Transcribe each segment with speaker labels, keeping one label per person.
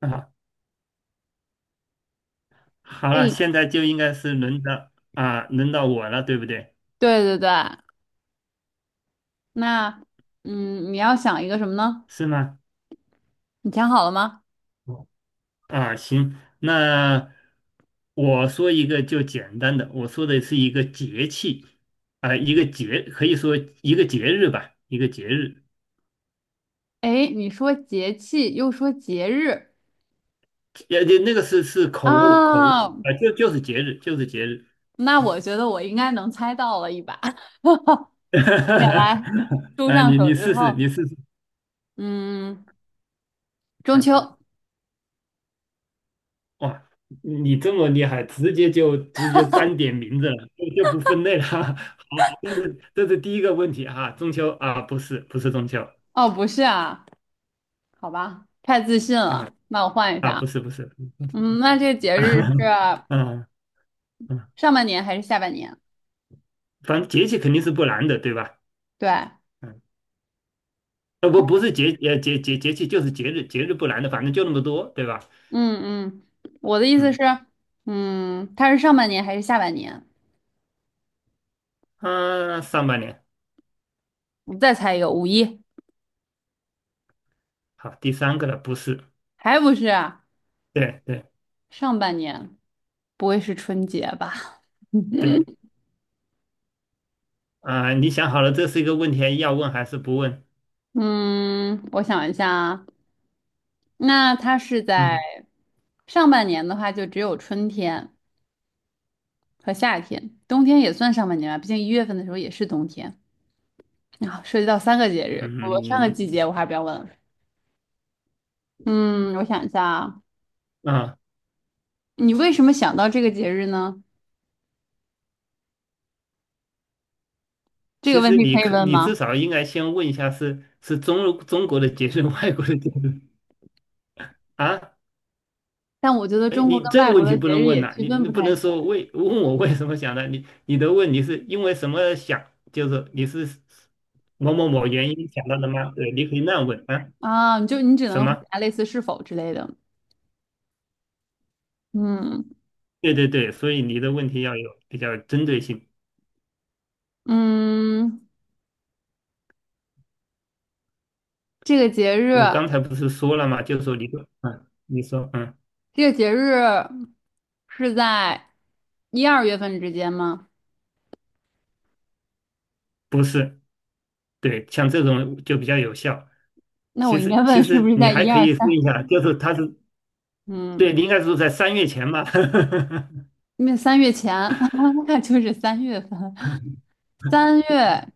Speaker 1: 啊，好
Speaker 2: 可
Speaker 1: 了，
Speaker 2: 以。
Speaker 1: 现在就应该是轮到我了，对不对？
Speaker 2: 对对对。那你要想一个什么呢？
Speaker 1: 是吗？
Speaker 2: 你想好了吗？
Speaker 1: 哦啊，行，那我说一个就简单的，我说的是一个节气，啊、一个节，可以说一个节日，
Speaker 2: 哎，你说节气又说节日
Speaker 1: 那个是口误，
Speaker 2: 啊，
Speaker 1: 就就是节日，就是节日，
Speaker 2: 那我觉得我应该能猜到了一把。也来，猪
Speaker 1: 啊，
Speaker 2: 上
Speaker 1: 你
Speaker 2: 手
Speaker 1: 你
Speaker 2: 指头。
Speaker 1: 试试，你试试。
Speaker 2: 嗯，中
Speaker 1: 啊。
Speaker 2: 秋。
Speaker 1: 哇，你这么厉害，直接单点名字了，就不分类了。好，这是第一个问题哈、中秋啊，不是中秋。
Speaker 2: 哦，不是啊，好吧，太自信
Speaker 1: 啊
Speaker 2: 了，那我换一下
Speaker 1: 啊，
Speaker 2: 啊。
Speaker 1: 不是，
Speaker 2: 那这个节日是
Speaker 1: 嗯嗯，
Speaker 2: 上半年还是下半年？
Speaker 1: 反正节气肯定是不难的，对吧？
Speaker 2: 对。
Speaker 1: 嗯，呃不不是节呃节节节气就是节日不难的，反正就那么多，对吧？
Speaker 2: 嗯嗯，我的意思是，
Speaker 1: 嗯
Speaker 2: 它是上半年还是下半年？
Speaker 1: 啊，上半年。
Speaker 2: 你再猜一个，五一。
Speaker 1: 好，第三个了，不是，
Speaker 2: 还不是啊。
Speaker 1: 对对
Speaker 2: 上半年。不会是春节吧？
Speaker 1: 对。 啊，你想好了，这是一个问题要问还是不问？
Speaker 2: 嗯，我想一下啊。那它是在
Speaker 1: 嗯
Speaker 2: 上半年的话，就只有春天和夏天，冬天也算上半年吧，毕竟1月份的时候也是冬天啊，涉及到三个节日。我上
Speaker 1: 嗯
Speaker 2: 个季
Speaker 1: 嗯
Speaker 2: 节我还不要问了。嗯，我想一下啊。
Speaker 1: 嗯啊。
Speaker 2: 你为什么想到这个节日呢？这个
Speaker 1: 其
Speaker 2: 问
Speaker 1: 实
Speaker 2: 题
Speaker 1: 你
Speaker 2: 可以
Speaker 1: 可
Speaker 2: 问
Speaker 1: 你至
Speaker 2: 吗？
Speaker 1: 少应该先问一下是中国的结日，外国的结日啊？
Speaker 2: 但我觉得
Speaker 1: 哎，
Speaker 2: 中国
Speaker 1: 你
Speaker 2: 跟
Speaker 1: 这个
Speaker 2: 外国
Speaker 1: 问题
Speaker 2: 的
Speaker 1: 不
Speaker 2: 节
Speaker 1: 能
Speaker 2: 日
Speaker 1: 问
Speaker 2: 也
Speaker 1: 呐、
Speaker 2: 区
Speaker 1: 你
Speaker 2: 分
Speaker 1: 你
Speaker 2: 不
Speaker 1: 不
Speaker 2: 太
Speaker 1: 能
Speaker 2: 出来。
Speaker 1: 说问我为什么想的，你的问你是因为什么想，就是你是某原因想到的吗？对，你可以那样问啊，
Speaker 2: 啊，你只
Speaker 1: 什
Speaker 2: 能回
Speaker 1: 么？
Speaker 2: 答类似是否之类的。嗯
Speaker 1: 对对对，所以你的问题要有比较针对性。
Speaker 2: 嗯。这个节日，
Speaker 1: 我刚才不是说了吗？就是说你说，
Speaker 2: 这个节日是在一二月份之间吗？
Speaker 1: 不是，对，像这种就比较有效。
Speaker 2: 那我
Speaker 1: 其
Speaker 2: 应该
Speaker 1: 实
Speaker 2: 问
Speaker 1: 其
Speaker 2: 是不
Speaker 1: 实
Speaker 2: 是
Speaker 1: 你
Speaker 2: 在
Speaker 1: 还
Speaker 2: 一
Speaker 1: 可
Speaker 2: 二
Speaker 1: 以问
Speaker 2: 三？
Speaker 1: 一下，就是他是
Speaker 2: 嗯，
Speaker 1: 对，你应该是在三月前吧。
Speaker 2: 因为3月前，那就是3月份。三 月。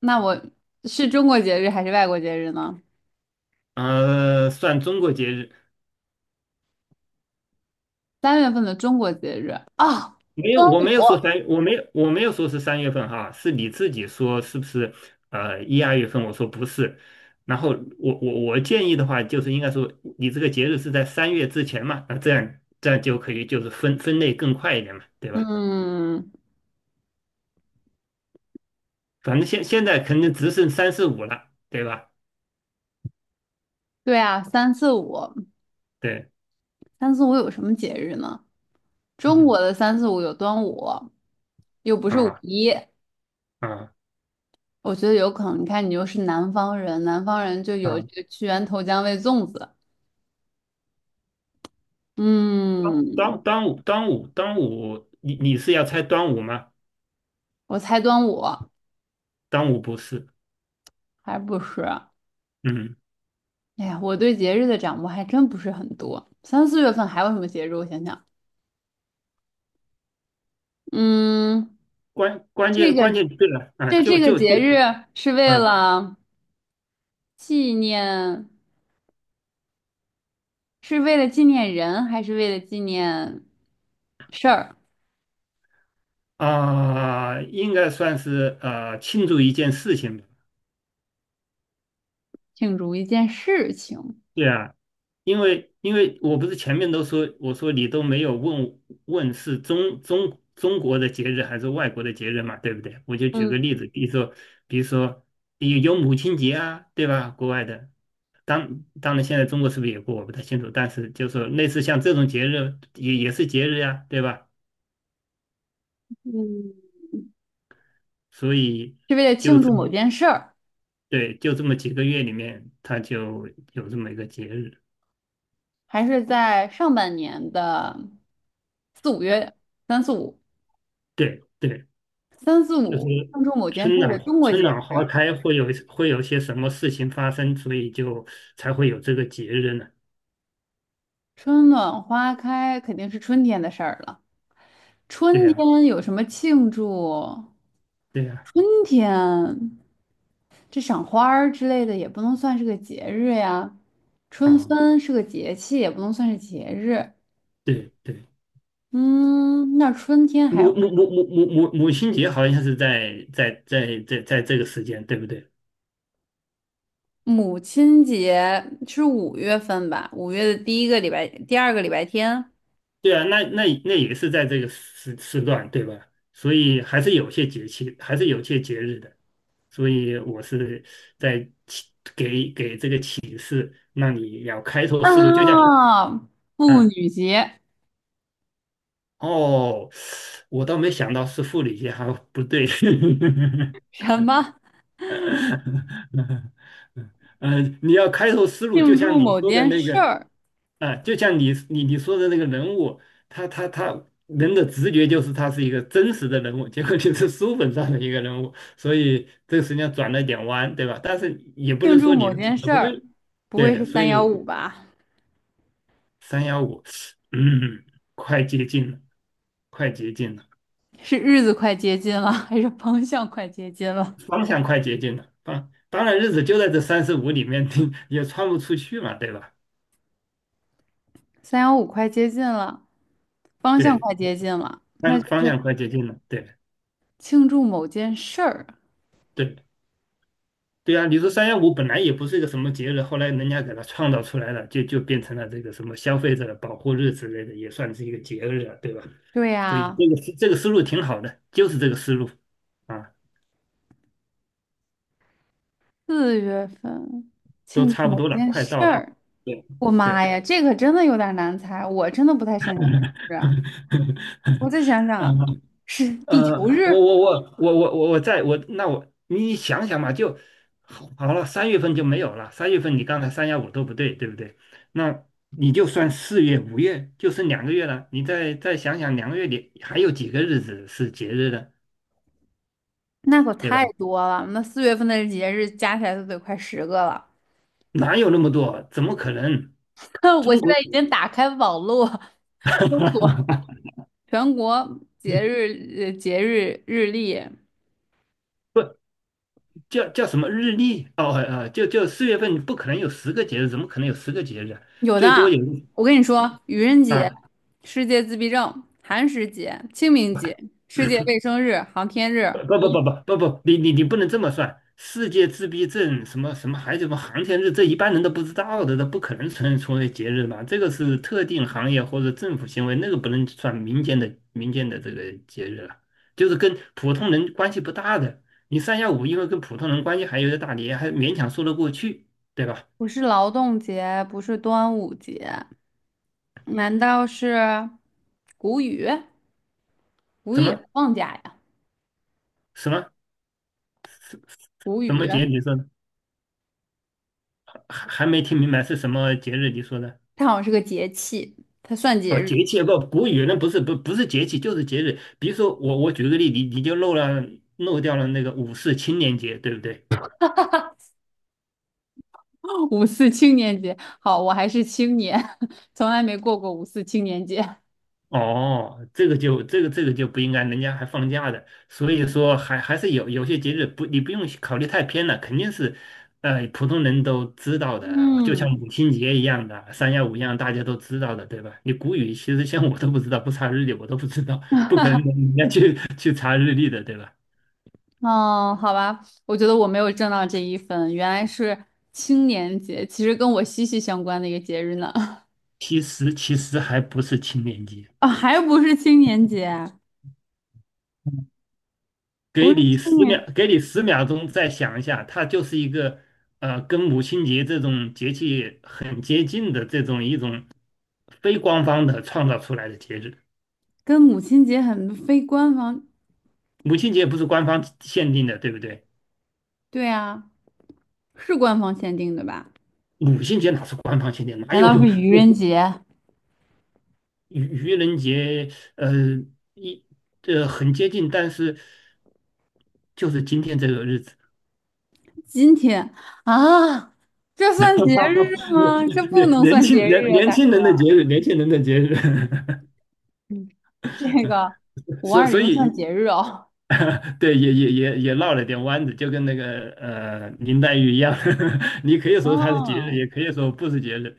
Speaker 2: 那我是中国节日还是外国节日呢？
Speaker 1: 算中国节日，
Speaker 2: 三月份的中国节日啊。
Speaker 1: 没有，
Speaker 2: 端午。
Speaker 1: 我没有说是三月份哈，是你自己说是不是？一二月份，我说不是。然后我建议的话，就是应该说你这个节日是在三月之前嘛，那这样就可以就是分类更快一点嘛，对吧？
Speaker 2: 嗯，
Speaker 1: 反正现在肯定只剩三四五了，对吧？
Speaker 2: 对啊，三四五。
Speaker 1: 对，
Speaker 2: 三四五有什么节日呢？中
Speaker 1: 嗯
Speaker 2: 国的三四五有端午，又不是五
Speaker 1: 啊
Speaker 2: 一。
Speaker 1: 啊
Speaker 2: 我觉得有可能。你看，你又是南方人，南方人就有
Speaker 1: 啊，
Speaker 2: 这个屈原投江喂粽子。嗯，
Speaker 1: 端午，你是要猜端午吗？
Speaker 2: 我猜端午。
Speaker 1: 端午不是，
Speaker 2: 还不是。
Speaker 1: 嗯，
Speaker 2: 哎呀，我对节日的掌握还真不是很多。3、4月份还有什么节日？我想想。嗯，
Speaker 1: 关关
Speaker 2: 这
Speaker 1: 键关
Speaker 2: 个
Speaker 1: 键对了啊，
Speaker 2: 这
Speaker 1: 就
Speaker 2: 这个
Speaker 1: 就就，
Speaker 2: 节日是为
Speaker 1: 嗯
Speaker 2: 了纪念，是为了纪念人，还是为了纪念事儿？
Speaker 1: 啊啊，应该算是庆祝一件事情吧，
Speaker 2: 庆祝一件事情。
Speaker 1: 对啊，因为我不是前面都说，我说你都没有问问是中国的节日还是外国的节日嘛，对不对？我就举个
Speaker 2: 嗯
Speaker 1: 例子，比如说有母亲节啊，对吧？国外的，当然现在中国是不是也过，我不太清楚，但是就是说类似像这种节日也是节日呀，对吧？
Speaker 2: 嗯，
Speaker 1: 所以
Speaker 2: 是为了
Speaker 1: 就
Speaker 2: 庆祝
Speaker 1: 这
Speaker 2: 某
Speaker 1: 么
Speaker 2: 件事儿。
Speaker 1: 对，就这么几个月里面，它就有这么一个节日，
Speaker 2: 还是在上半年的4、5月，三四五，
Speaker 1: 对对。
Speaker 2: 三四
Speaker 1: 就是
Speaker 2: 五，庆祝某件
Speaker 1: 春
Speaker 2: 事儿的
Speaker 1: 暖
Speaker 2: 中国
Speaker 1: 春
Speaker 2: 节
Speaker 1: 暖
Speaker 2: 日。
Speaker 1: 花开会有些什么事情发生，所以就才会有这个节日呢？
Speaker 2: 春暖花开肯定是春天的事儿了。
Speaker 1: 对
Speaker 2: 春
Speaker 1: 呀，
Speaker 2: 天有什么庆祝？
Speaker 1: 对呀，
Speaker 2: 春天这赏花儿之类的也不能算是个节日呀。春
Speaker 1: 啊，
Speaker 2: 分是个节气，也不能算是节日。
Speaker 1: 对对，
Speaker 2: 嗯，那春天还有
Speaker 1: 母母母母母母亲节好像是在这个时间，对不对？
Speaker 2: 母亲节。是5月份吧？五月的第一个礼拜，第二个礼拜天。
Speaker 1: 对啊，那也是在这个时段，对吧？所以还是有些节气，还是有些节日的。所以我是在启给给这个启示，让你要开拓思路，就叫
Speaker 2: 啊，妇
Speaker 1: 啊。
Speaker 2: 女节。
Speaker 1: 哦，我倒没想到是护理学，还不对。
Speaker 2: 什么？
Speaker 1: 嗯，你要开拓思路，就
Speaker 2: 庆祝
Speaker 1: 像你
Speaker 2: 某
Speaker 1: 说的
Speaker 2: 件
Speaker 1: 那
Speaker 2: 事
Speaker 1: 个
Speaker 2: 儿，
Speaker 1: 啊，就像你说的那个人物，他人的直觉就是他是一个真实的人物，结果你是书本上的一个人物，所以这个实际上转了一点弯，对吧？但是也不能
Speaker 2: 庆祝
Speaker 1: 说你
Speaker 2: 某件
Speaker 1: 转的
Speaker 2: 事
Speaker 1: 不
Speaker 2: 儿，
Speaker 1: 对。
Speaker 2: 不会
Speaker 1: 对，
Speaker 2: 是
Speaker 1: 所
Speaker 2: 三
Speaker 1: 以
Speaker 2: 幺五吧？
Speaker 1: 三幺五，三一五，快接近了，快接近了。
Speaker 2: 是日子快接近了，还是方向快接近了？
Speaker 1: 方向快接近了，啊，当然日子就在这三十五里面，也穿不出去嘛，对吧？
Speaker 2: 三幺五快接近了，方向
Speaker 1: 对，
Speaker 2: 快接近了，那
Speaker 1: 方
Speaker 2: 就
Speaker 1: 方
Speaker 2: 是
Speaker 1: 向快接近了，对
Speaker 2: 庆祝某件事儿。
Speaker 1: 对对啊！你说三幺五本来也不是一个什么节日，后来人家给它创造出来了，就变成了这个什么消费者保护日之类的，也算是一个节日了，对吧？
Speaker 2: 对
Speaker 1: 所以
Speaker 2: 呀，
Speaker 1: 这个思路挺好的，就是这个思路啊，
Speaker 2: 四月份
Speaker 1: 都
Speaker 2: 庆祝
Speaker 1: 差不
Speaker 2: 某
Speaker 1: 多了，
Speaker 2: 件
Speaker 1: 快
Speaker 2: 事
Speaker 1: 到了，
Speaker 2: 儿。
Speaker 1: 对
Speaker 2: 我妈
Speaker 1: 对，
Speaker 2: 呀，这个真的有点难猜，我真的不太擅长这个事 啊。我再想想。
Speaker 1: 嗯
Speaker 2: 是地球
Speaker 1: 我
Speaker 2: 日。
Speaker 1: 我我我我我我在我那我你想想嘛，就好了，三月份就没有了。三月份你刚才三幺五都不对，对不对？那你就算四月、五月，就剩两个月了。你再想想，两个月里还有几个日子是节日的，
Speaker 2: 那可
Speaker 1: 对吧？
Speaker 2: 太多了，那四月份的节日加起来都得快10个了。
Speaker 1: 哪有那么多？怎么可能？
Speaker 2: 我
Speaker 1: 中
Speaker 2: 现
Speaker 1: 国。
Speaker 2: 在已经打开网络搜索 全国节日节日日历。
Speaker 1: 叫什么日历？哦，就四月份不可能有十个节日，怎么可能有十个节日啊
Speaker 2: 有
Speaker 1: 最多有
Speaker 2: 的。我跟你说，愚人节、
Speaker 1: 啊。
Speaker 2: 世界自闭症、寒食节、清明节、世界卫生日、航天日。
Speaker 1: 不不
Speaker 2: 不
Speaker 1: 不不不不，你不能这么算。世界自闭症什么什么还有什么航天日，这一般人都不知道的，这不可能成为节日嘛。这个是特定行业或者政府行为，那个不能算民间的这个节日了，就是跟普通人关系不大的。你三幺五因为跟普通人关系还有点大，你还勉强说得过去，对吧？
Speaker 2: 不是劳动节，不是端午节，难道是谷雨？谷雨
Speaker 1: 什
Speaker 2: 也不
Speaker 1: 么
Speaker 2: 放假呀？
Speaker 1: 什么
Speaker 2: 谷
Speaker 1: 什么
Speaker 2: 雨
Speaker 1: 节？你说还没听明白是什么节日？你说的？
Speaker 2: 它好像是个节气，它算节
Speaker 1: 啊，
Speaker 2: 日。
Speaker 1: 节气不，古语那不是不是节气，就是节日。比如说我举个例，你就漏掉了那个五四青年节，对不对？
Speaker 2: 五四青年节，好，我还是青年，从来没过过五四青年节。
Speaker 1: 哦，这个就这个这个就不应该，人家还放假的，所以说还是有些节日不，你不用考虑太偏了，肯定是，普通人都知道的，就像
Speaker 2: 嗯。
Speaker 1: 母亲节一样的，三幺五一样，大家都知道的，对吧？你古语其实像我都不知道，不查日历我都不知道，不可能人家去查日历的，对吧？
Speaker 2: 哦，好吧，我觉得我没有挣到这一分，原来是青年节，其实跟我息息相关的一个节日呢。
Speaker 1: 其实还不是青年节。
Speaker 2: 啊、还不是青年节啊。不
Speaker 1: 给
Speaker 2: 是
Speaker 1: 你
Speaker 2: 青
Speaker 1: 十秒，
Speaker 2: 年，
Speaker 1: 给你10秒钟再想一下，它就是一个跟母亲节这种节气很接近的这种一种非官方的创造出来的节日。
Speaker 2: 跟母亲节很非官方，
Speaker 1: 母亲节不是官方限定的，对不对？
Speaker 2: 对啊，是官方限定的吧？
Speaker 1: 母亲节哪是官方限定？哪
Speaker 2: 难
Speaker 1: 有。
Speaker 2: 道是愚人 节？
Speaker 1: 愚愚人节？呃，一很接近，但是就是今天这个日子，
Speaker 2: 今天啊，这 算节日吗？这不
Speaker 1: 年年
Speaker 2: 能
Speaker 1: 年
Speaker 2: 算节
Speaker 1: 轻年
Speaker 2: 日啊，
Speaker 1: 年
Speaker 2: 大。
Speaker 1: 轻人的节日，年轻人的节日。
Speaker 2: 嗯，这个五
Speaker 1: 所
Speaker 2: 二
Speaker 1: 所
Speaker 2: 零算
Speaker 1: 以
Speaker 2: 节日哦。
Speaker 1: 对，也绕了点弯子，就跟那个林黛玉一样，你可以说她是节日，
Speaker 2: 嗯，
Speaker 1: 也可以说不是节日。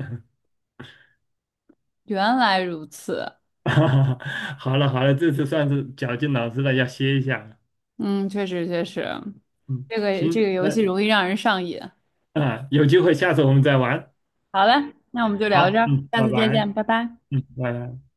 Speaker 2: 原来如此。
Speaker 1: 好了好了，这次算是绞尽脑汁了，要歇一下了。
Speaker 2: 嗯，确实确实，
Speaker 1: 嗯，
Speaker 2: 这个
Speaker 1: 行，
Speaker 2: 这个游
Speaker 1: 那
Speaker 2: 戏容易让人上瘾。
Speaker 1: 啊，有机会下次我们再玩。
Speaker 2: 好了，那我们就聊这
Speaker 1: 好，
Speaker 2: 儿，
Speaker 1: 嗯，
Speaker 2: 下
Speaker 1: 拜
Speaker 2: 次再
Speaker 1: 拜，
Speaker 2: 见，拜拜。
Speaker 1: 嗯，拜拜。